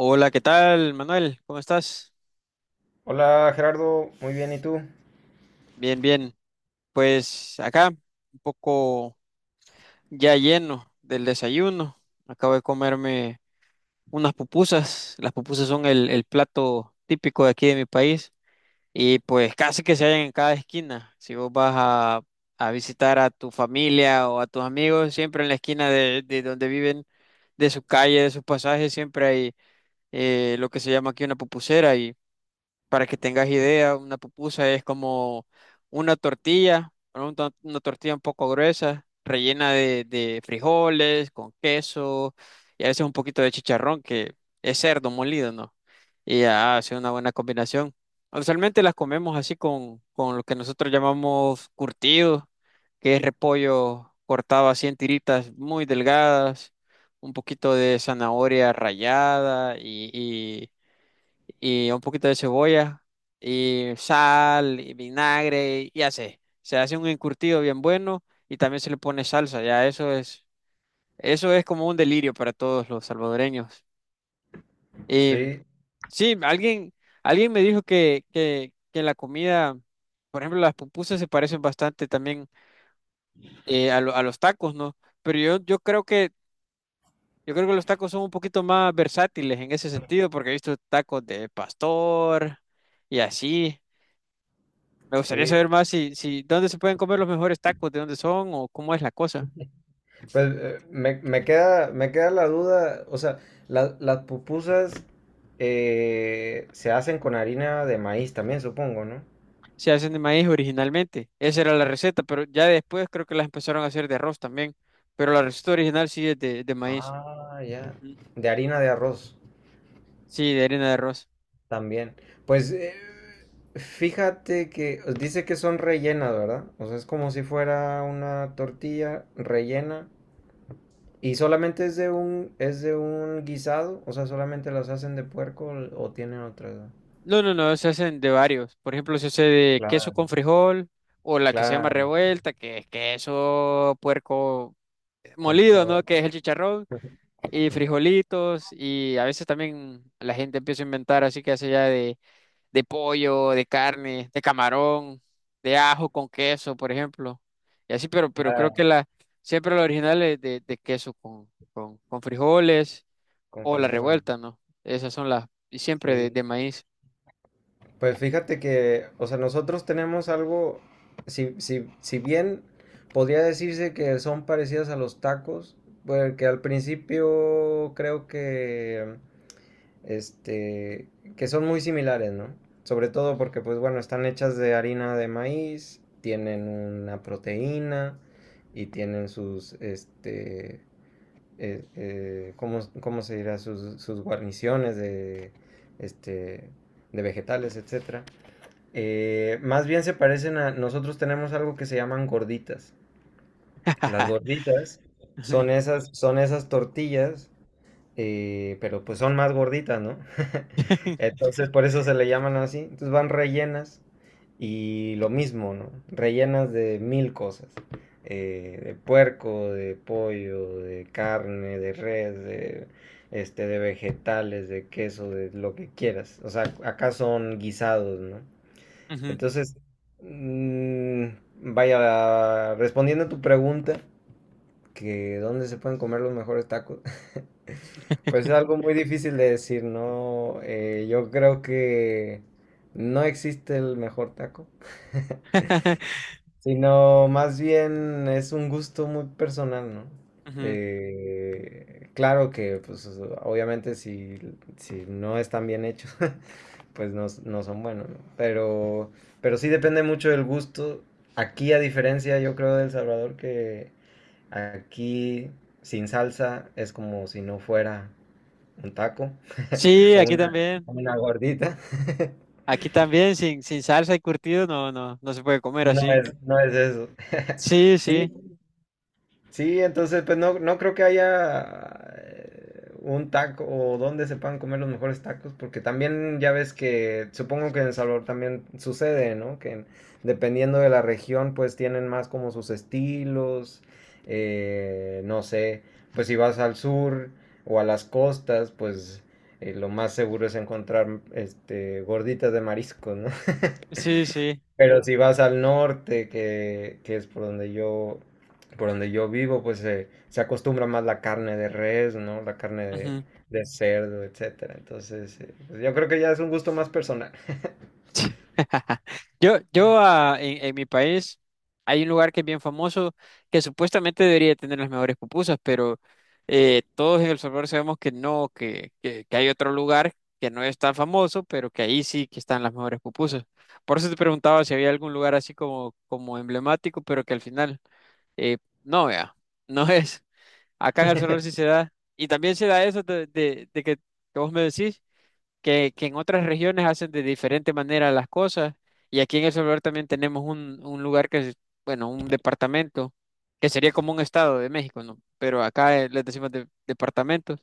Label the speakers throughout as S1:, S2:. S1: Hola, ¿qué tal, Manuel? ¿Cómo estás?
S2: Hola Gerardo, muy bien, ¿y tú?
S1: Bien, bien. Pues acá, un poco ya lleno del desayuno. Acabo de comerme unas pupusas. Las pupusas son el plato típico de aquí de mi país, y pues casi que se hallan en cada esquina. Si vos vas a visitar a tu familia o a tus amigos, siempre en la esquina de donde viven, de su calle, de sus pasajes, siempre hay lo que se llama aquí una pupusera. Para que tengas idea, una pupusa es como una tortilla, ¿no? Una tortilla un poco gruesa, rellena de frijoles, con queso y a veces un poquito de chicharrón, que es cerdo molido, ¿no? Y ya hace una buena combinación. Usualmente las comemos así con lo que nosotros llamamos curtido, que es repollo cortado así en tiritas muy delgadas, un poquito de zanahoria rallada y un poquito de cebolla y sal y vinagre y así. Se hace un encurtido bien bueno y también se le pone salsa, ya eso es como un delirio para todos los salvadoreños. Y
S2: Sí,
S1: sí, alguien me dijo que la comida, por ejemplo, las pupusas se parecen bastante también, a los tacos, ¿no? Pero yo creo que, yo creo que los tacos son un poquito más versátiles en ese sentido, porque he visto tacos de pastor y así. Me gustaría
S2: sí.
S1: saber más si dónde se pueden comer los mejores tacos, de dónde son o cómo es la cosa.
S2: Pues me queda, me queda la duda, o sea, las pupusas se hacen con harina de maíz también, supongo, ¿no?
S1: Se hacen de maíz originalmente. Esa era la receta, pero ya después creo que las empezaron a hacer de arroz también. Pero la receta original sí es de maíz.
S2: Ah, ya.
S1: Mm.
S2: De harina de arroz
S1: Sí, de harina de arroz.
S2: también. Pues fíjate que dice que son rellenas, ¿verdad? O sea, es como si fuera una tortilla rellena. ¿Y solamente es de un guisado? O sea, ¿solamente las hacen de puerco o tienen otra?
S1: No, se hacen de varios. Por ejemplo, se hace de queso
S2: Claro,
S1: con frijol o la que se llama
S2: claro,
S1: revuelta, que es queso puerco,
S2: con
S1: molido,
S2: todo,
S1: ¿no? Que es el chicharrón y frijolitos, y a veces también la gente empieza a inventar, así que hace ya de pollo, de carne, de camarón, de ajo con queso, por ejemplo. Y así, pero creo que
S2: claro,
S1: la, siempre la original es de queso con frijoles,
S2: con
S1: o la
S2: frijol.
S1: revuelta, ¿no? Esas son las, y siempre
S2: Sí.
S1: de maíz.
S2: Pues fíjate que, o sea, nosotros tenemos algo, si bien podría decirse que son parecidas a los tacos, porque al principio creo que este, que son muy similares, ¿no? Sobre todo porque, pues bueno, están hechas de harina de maíz, tienen una proteína y tienen sus, ¿cómo, cómo se dirá? Sus, sus guarniciones de, este, de vegetales, etcétera. Más bien se parecen a, nosotros tenemos algo que se llaman gorditas. Las gorditas
S1: Ujú,
S2: son esas tortillas, pero pues son más gorditas, ¿no? Entonces por eso se le llaman así. Entonces van rellenas y lo mismo, ¿no? Rellenas de mil cosas, de puerco, de pollo, de carne, de res, de, de vegetales, de queso, de lo que quieras. O sea, acá son guisados, ¿no?
S1: ujú,
S2: Entonces, mm, vaya, respondiendo a tu pregunta, que dónde se pueden comer los mejores tacos. Pues es algo muy difícil de decir, ¿no? Yo creo que no existe el mejor taco, sino más bien es un gusto muy personal, ¿no?
S1: ujú.
S2: Claro que, pues, obviamente si, si no están bien hechos, pues no, no son buenos, ¿no? Pero sí depende mucho del gusto. Aquí, a diferencia, yo creo, de El Salvador, que aquí sin salsa es como si no fuera un taco
S1: Sí, aquí también.
S2: o una gordita.
S1: Aquí también, sin salsa y curtido, no se puede comer
S2: No
S1: así.
S2: es, no es eso.
S1: Sí,
S2: Sí,
S1: sí,
S2: sí, entonces pues no, no creo que haya un taco o donde se puedan comer los mejores tacos, porque también ya ves que supongo que en El Salvador también sucede, ¿no? Que en- dependiendo de la región pues tienen más como sus estilos, no sé, pues si vas al sur o a las costas pues lo más seguro es encontrar este gorditas de marisco, ¿no?
S1: sí, sí.
S2: Pero si vas al norte, que es por donde yo vivo, pues se acostumbra más la carne de res, ¿no? La carne
S1: Ujú.
S2: de cerdo, etcétera. Entonces, pues yo creo que ya es un gusto más personal.
S1: En mi país hay un lugar que es bien famoso, que supuestamente debería tener las mejores pupusas, pero todos en El Salvador sabemos que no, que hay otro lugar que no es tan famoso, pero que ahí sí que están las mejores pupusas. Por eso te preguntaba si había algún lugar así como, como emblemático, pero que al final, eh, no, vea, no es. Acá en El Salvador sí se da. Y también se da eso de que vos me decís que en otras regiones hacen de diferente manera las cosas. Y aquí en El Salvador también tenemos un lugar que es, bueno, un departamento, que sería como un estado de México, ¿no? Pero acá, les decimos departamentos.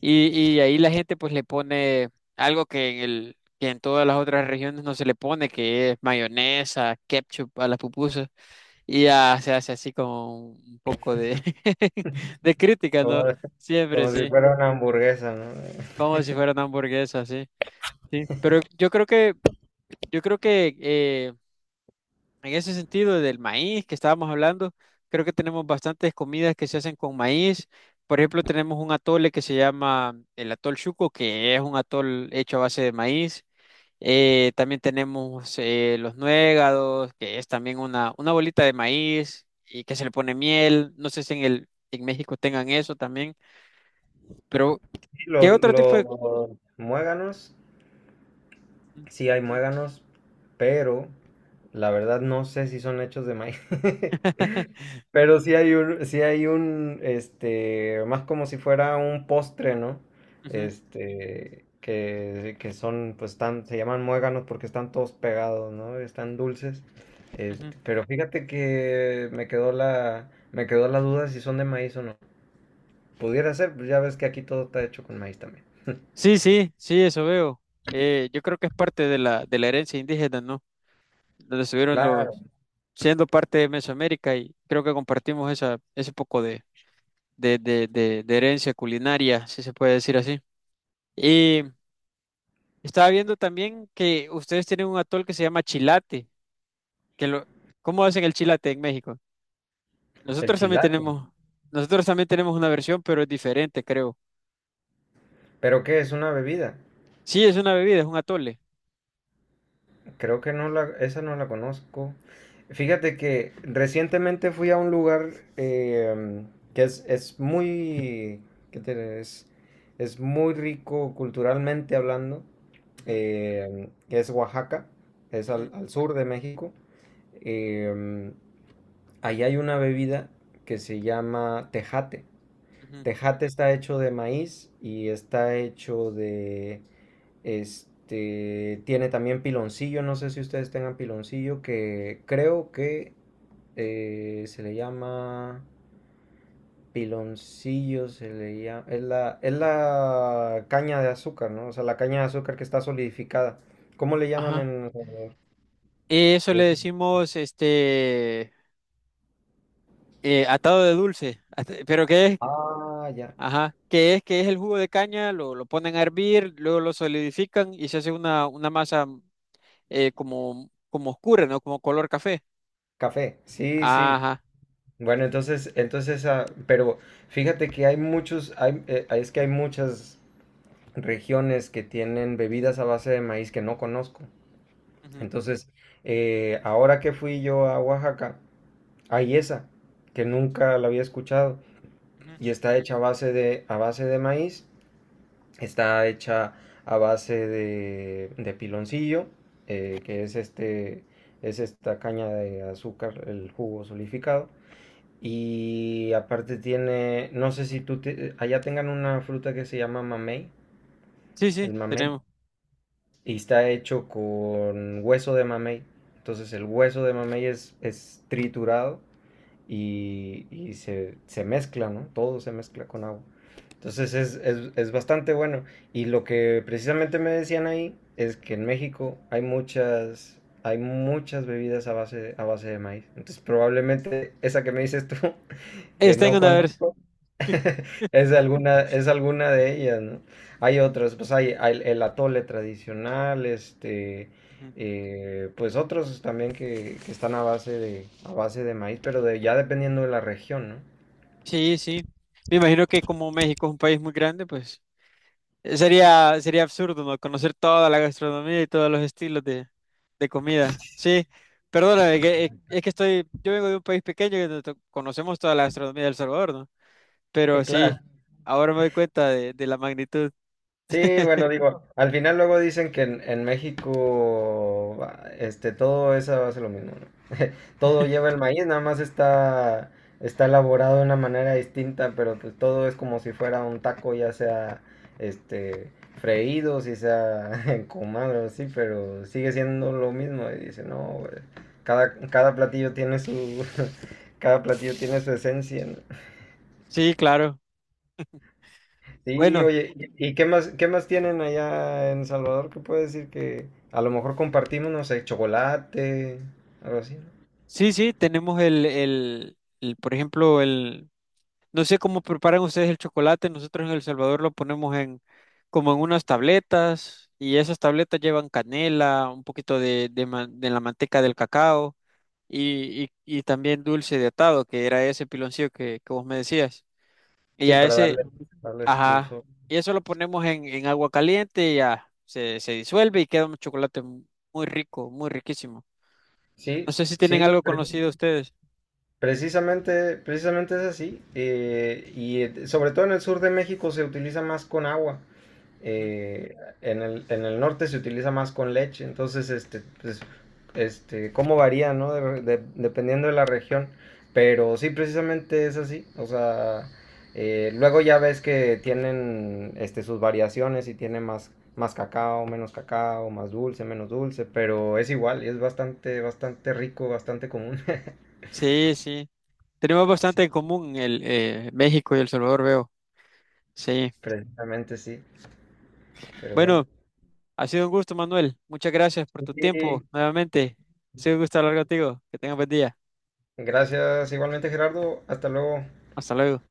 S1: Y, y ahí la gente pues le pone algo que en que en todas las otras regiones no se le pone, que es mayonesa, ketchup a las pupusas. Y ya se hace así como un poco de, de crítica,
S2: Como,
S1: ¿no? Siempre,
S2: como si
S1: sí.
S2: fuera una hamburguesa, ¿no?
S1: Como si fuera una hamburguesa, sí. Sí. Pero yo creo que, yo creo que, en ese sentido del maíz que estábamos hablando, creo que tenemos bastantes comidas que se hacen con maíz. Por ejemplo, tenemos un atole que se llama el atol chuco, que es un atol hecho a base de maíz. También tenemos, los nuegados, que es también una bolita de maíz y que se le pone miel. No sé si en el, en México tengan eso también, pero
S2: Y
S1: ¿qué otro tipo de...
S2: lo muéganos. Sí hay muéganos, pero la verdad no sé si son hechos de maíz. Pero sí hay un, más como si fuera un postre, ¿no?
S1: Ujú,
S2: Este, que son, pues están, se llaman muéganos porque están todos pegados, ¿no? Están dulces.
S1: ujú.
S2: Este, pero fíjate que me quedó la duda si son de maíz o no. Pudiera ser, pues ya ves que aquí todo está hecho con maíz también.
S1: Sí, sí, sí, eso veo. Yo creo que es parte de la herencia indígena, ¿no? Donde estuvieron
S2: Claro,
S1: los, siendo parte de Mesoamérica, y creo que compartimos esa, ese poco de herencia culinaria, si se puede decir así. Y estaba viendo también que ustedes tienen un atol que se llama chilate, que lo, ¿cómo hacen el chilate en México?
S2: el
S1: Nosotros también
S2: chilate.
S1: tenemos, nosotros también tenemos una versión, pero es diferente, creo.
S2: ¿Pero qué es una bebida?
S1: Sí, es una bebida, es un atole.
S2: Creo que no la, esa no la conozco. Fíjate que recientemente fui a un lugar, eh, que es muy, ¿qué te diré? Es muy rico culturalmente hablando,
S1: Ujú,
S2: que es Oaxaca, es
S1: ujú,
S2: al, al sur de México. Eh, Ahí hay una bebida que se llama tejate.
S1: ujú.
S2: Tejate está hecho de maíz y está hecho de tiene también piloncillo, no sé si ustedes tengan piloncillo, que creo que se le llama piloncillo, se le llama, es la caña de azúcar, ¿no? O sea, la caña de azúcar que está solidificada. ¿Cómo le llaman
S1: Ajá.
S2: en El Salvador?
S1: Eso le
S2: Es-
S1: decimos, este, atado de dulce. At- ¿Pero qué es?
S2: ah, ya,
S1: Ajá, ¿qué es? ¿Qué es el jugo de caña? Lo ponen a hervir, luego lo solidifican y se hace una masa, como, como oscura, ¿no? Como color café.
S2: café. Sí, sí.
S1: Ajá.
S2: Bueno, entonces, entonces, ah, pero fíjate que hay muchos, hay, es que hay muchas regiones que tienen bebidas a base de maíz que no conozco.
S1: Ujú,
S2: Entonces, ahora que fui yo a Oaxaca, hay esa que nunca la había escuchado
S1: ujú.
S2: y está hecha a base de maíz, está hecha a base de piloncillo, que es este, es esta caña de azúcar, el jugo solidificado. Y aparte tiene, no sé si tú te- allá tengan una fruta que se llama mamey,
S1: Sí, sí,
S2: el mamey.
S1: tenemos.
S2: Y está hecho con hueso de mamey. Entonces el hueso de mamey es triturado y se mezcla, ¿no? Todo se mezcla con agua. Entonces es bastante bueno. Y lo que precisamente me decían ahí es que en México hay muchas bebidas a base de maíz. Entonces probablemente esa que me dices tú, que
S1: Está en
S2: no
S1: una versión.
S2: conozco, es alguna, es alguna de ellas, ¿no? Hay otras, pues hay el atole tradicional,
S1: Ujú.
S2: pues otros también que están a base de maíz, pero de, ya dependiendo de la región, ¿no?
S1: Sí, sí. Me imagino que como México es un país muy grande, pues, sería absurdo, ¿no? Conocer toda la gastronomía y todos los estilos de comida. Sí, perdóname, es que estoy, yo vengo de un país pequeño que no to- conocemos toda la gastronomía del Salvador, ¿no? Pero
S2: Claro.
S1: sí, ahora me doy cuenta de la magnitud.
S2: Sí, bueno, digo, al final luego dicen que en México, ah, todo eso hace lo mismo, ¿no? Todo lleva el maíz, nada más está, está elaborado de una manera distinta, pero pues todo es como si fuera un taco, ya sea, este, freído, si sea encumado, así, pero sigue siendo lo mismo. Y dice, no, güey, cada, cada platillo tiene su, cada platillo tiene su esencia, ¿no?
S1: Sí, claro.
S2: Sí,
S1: Bueno,
S2: oye, y qué más tienen allá en Salvador? ¿Qué puede decir que a lo mejor compartimos, no sé, chocolate, algo así, ¿no?
S1: sí, sí, tenemos por ejemplo, el, no sé cómo preparan ustedes el chocolate. Nosotros en El Salvador lo ponemos en como en unas tabletas, y esas tabletas llevan canela, un poquito de la manteca del cacao y también dulce de atado, que era ese piloncillo que vos me decías. Y
S2: Sí,
S1: a
S2: para
S1: ese,
S2: darle, darles
S1: ajá,
S2: dulzor.
S1: y eso lo ponemos en agua caliente y ya se disuelve y queda un chocolate muy rico, muy riquísimo.
S2: Sí,
S1: No sé si tienen
S2: sí,
S1: algo
S2: pero-
S1: conocido ustedes.
S2: precisamente, precisamente es así. Y sobre todo en el sur de México se utiliza más con agua.
S1: Ujú.
S2: eh, en el, en el norte se utiliza más con leche. Entonces, pues, cómo varía, ¿no? De- dependiendo de la región. Pero sí, precisamente es así. O sea, luego ya ves que tienen este, sus variaciones y tiene más, más cacao, menos cacao, más dulce, menos dulce. Pero es igual, es bastante, bastante rico, bastante común.
S1: Sí, sí. Tenemos bastante en común, el México y El Salvador, veo. Sí.
S2: Precisamente sí, pero bueno.
S1: Bueno, ha sido un gusto, Manuel. Muchas gracias por tu tiempo
S2: Sí,
S1: nuevamente. Ha sido un gusto hablar contigo. Que tengas buen día.
S2: gracias igualmente Gerardo, hasta luego.
S1: Hasta luego.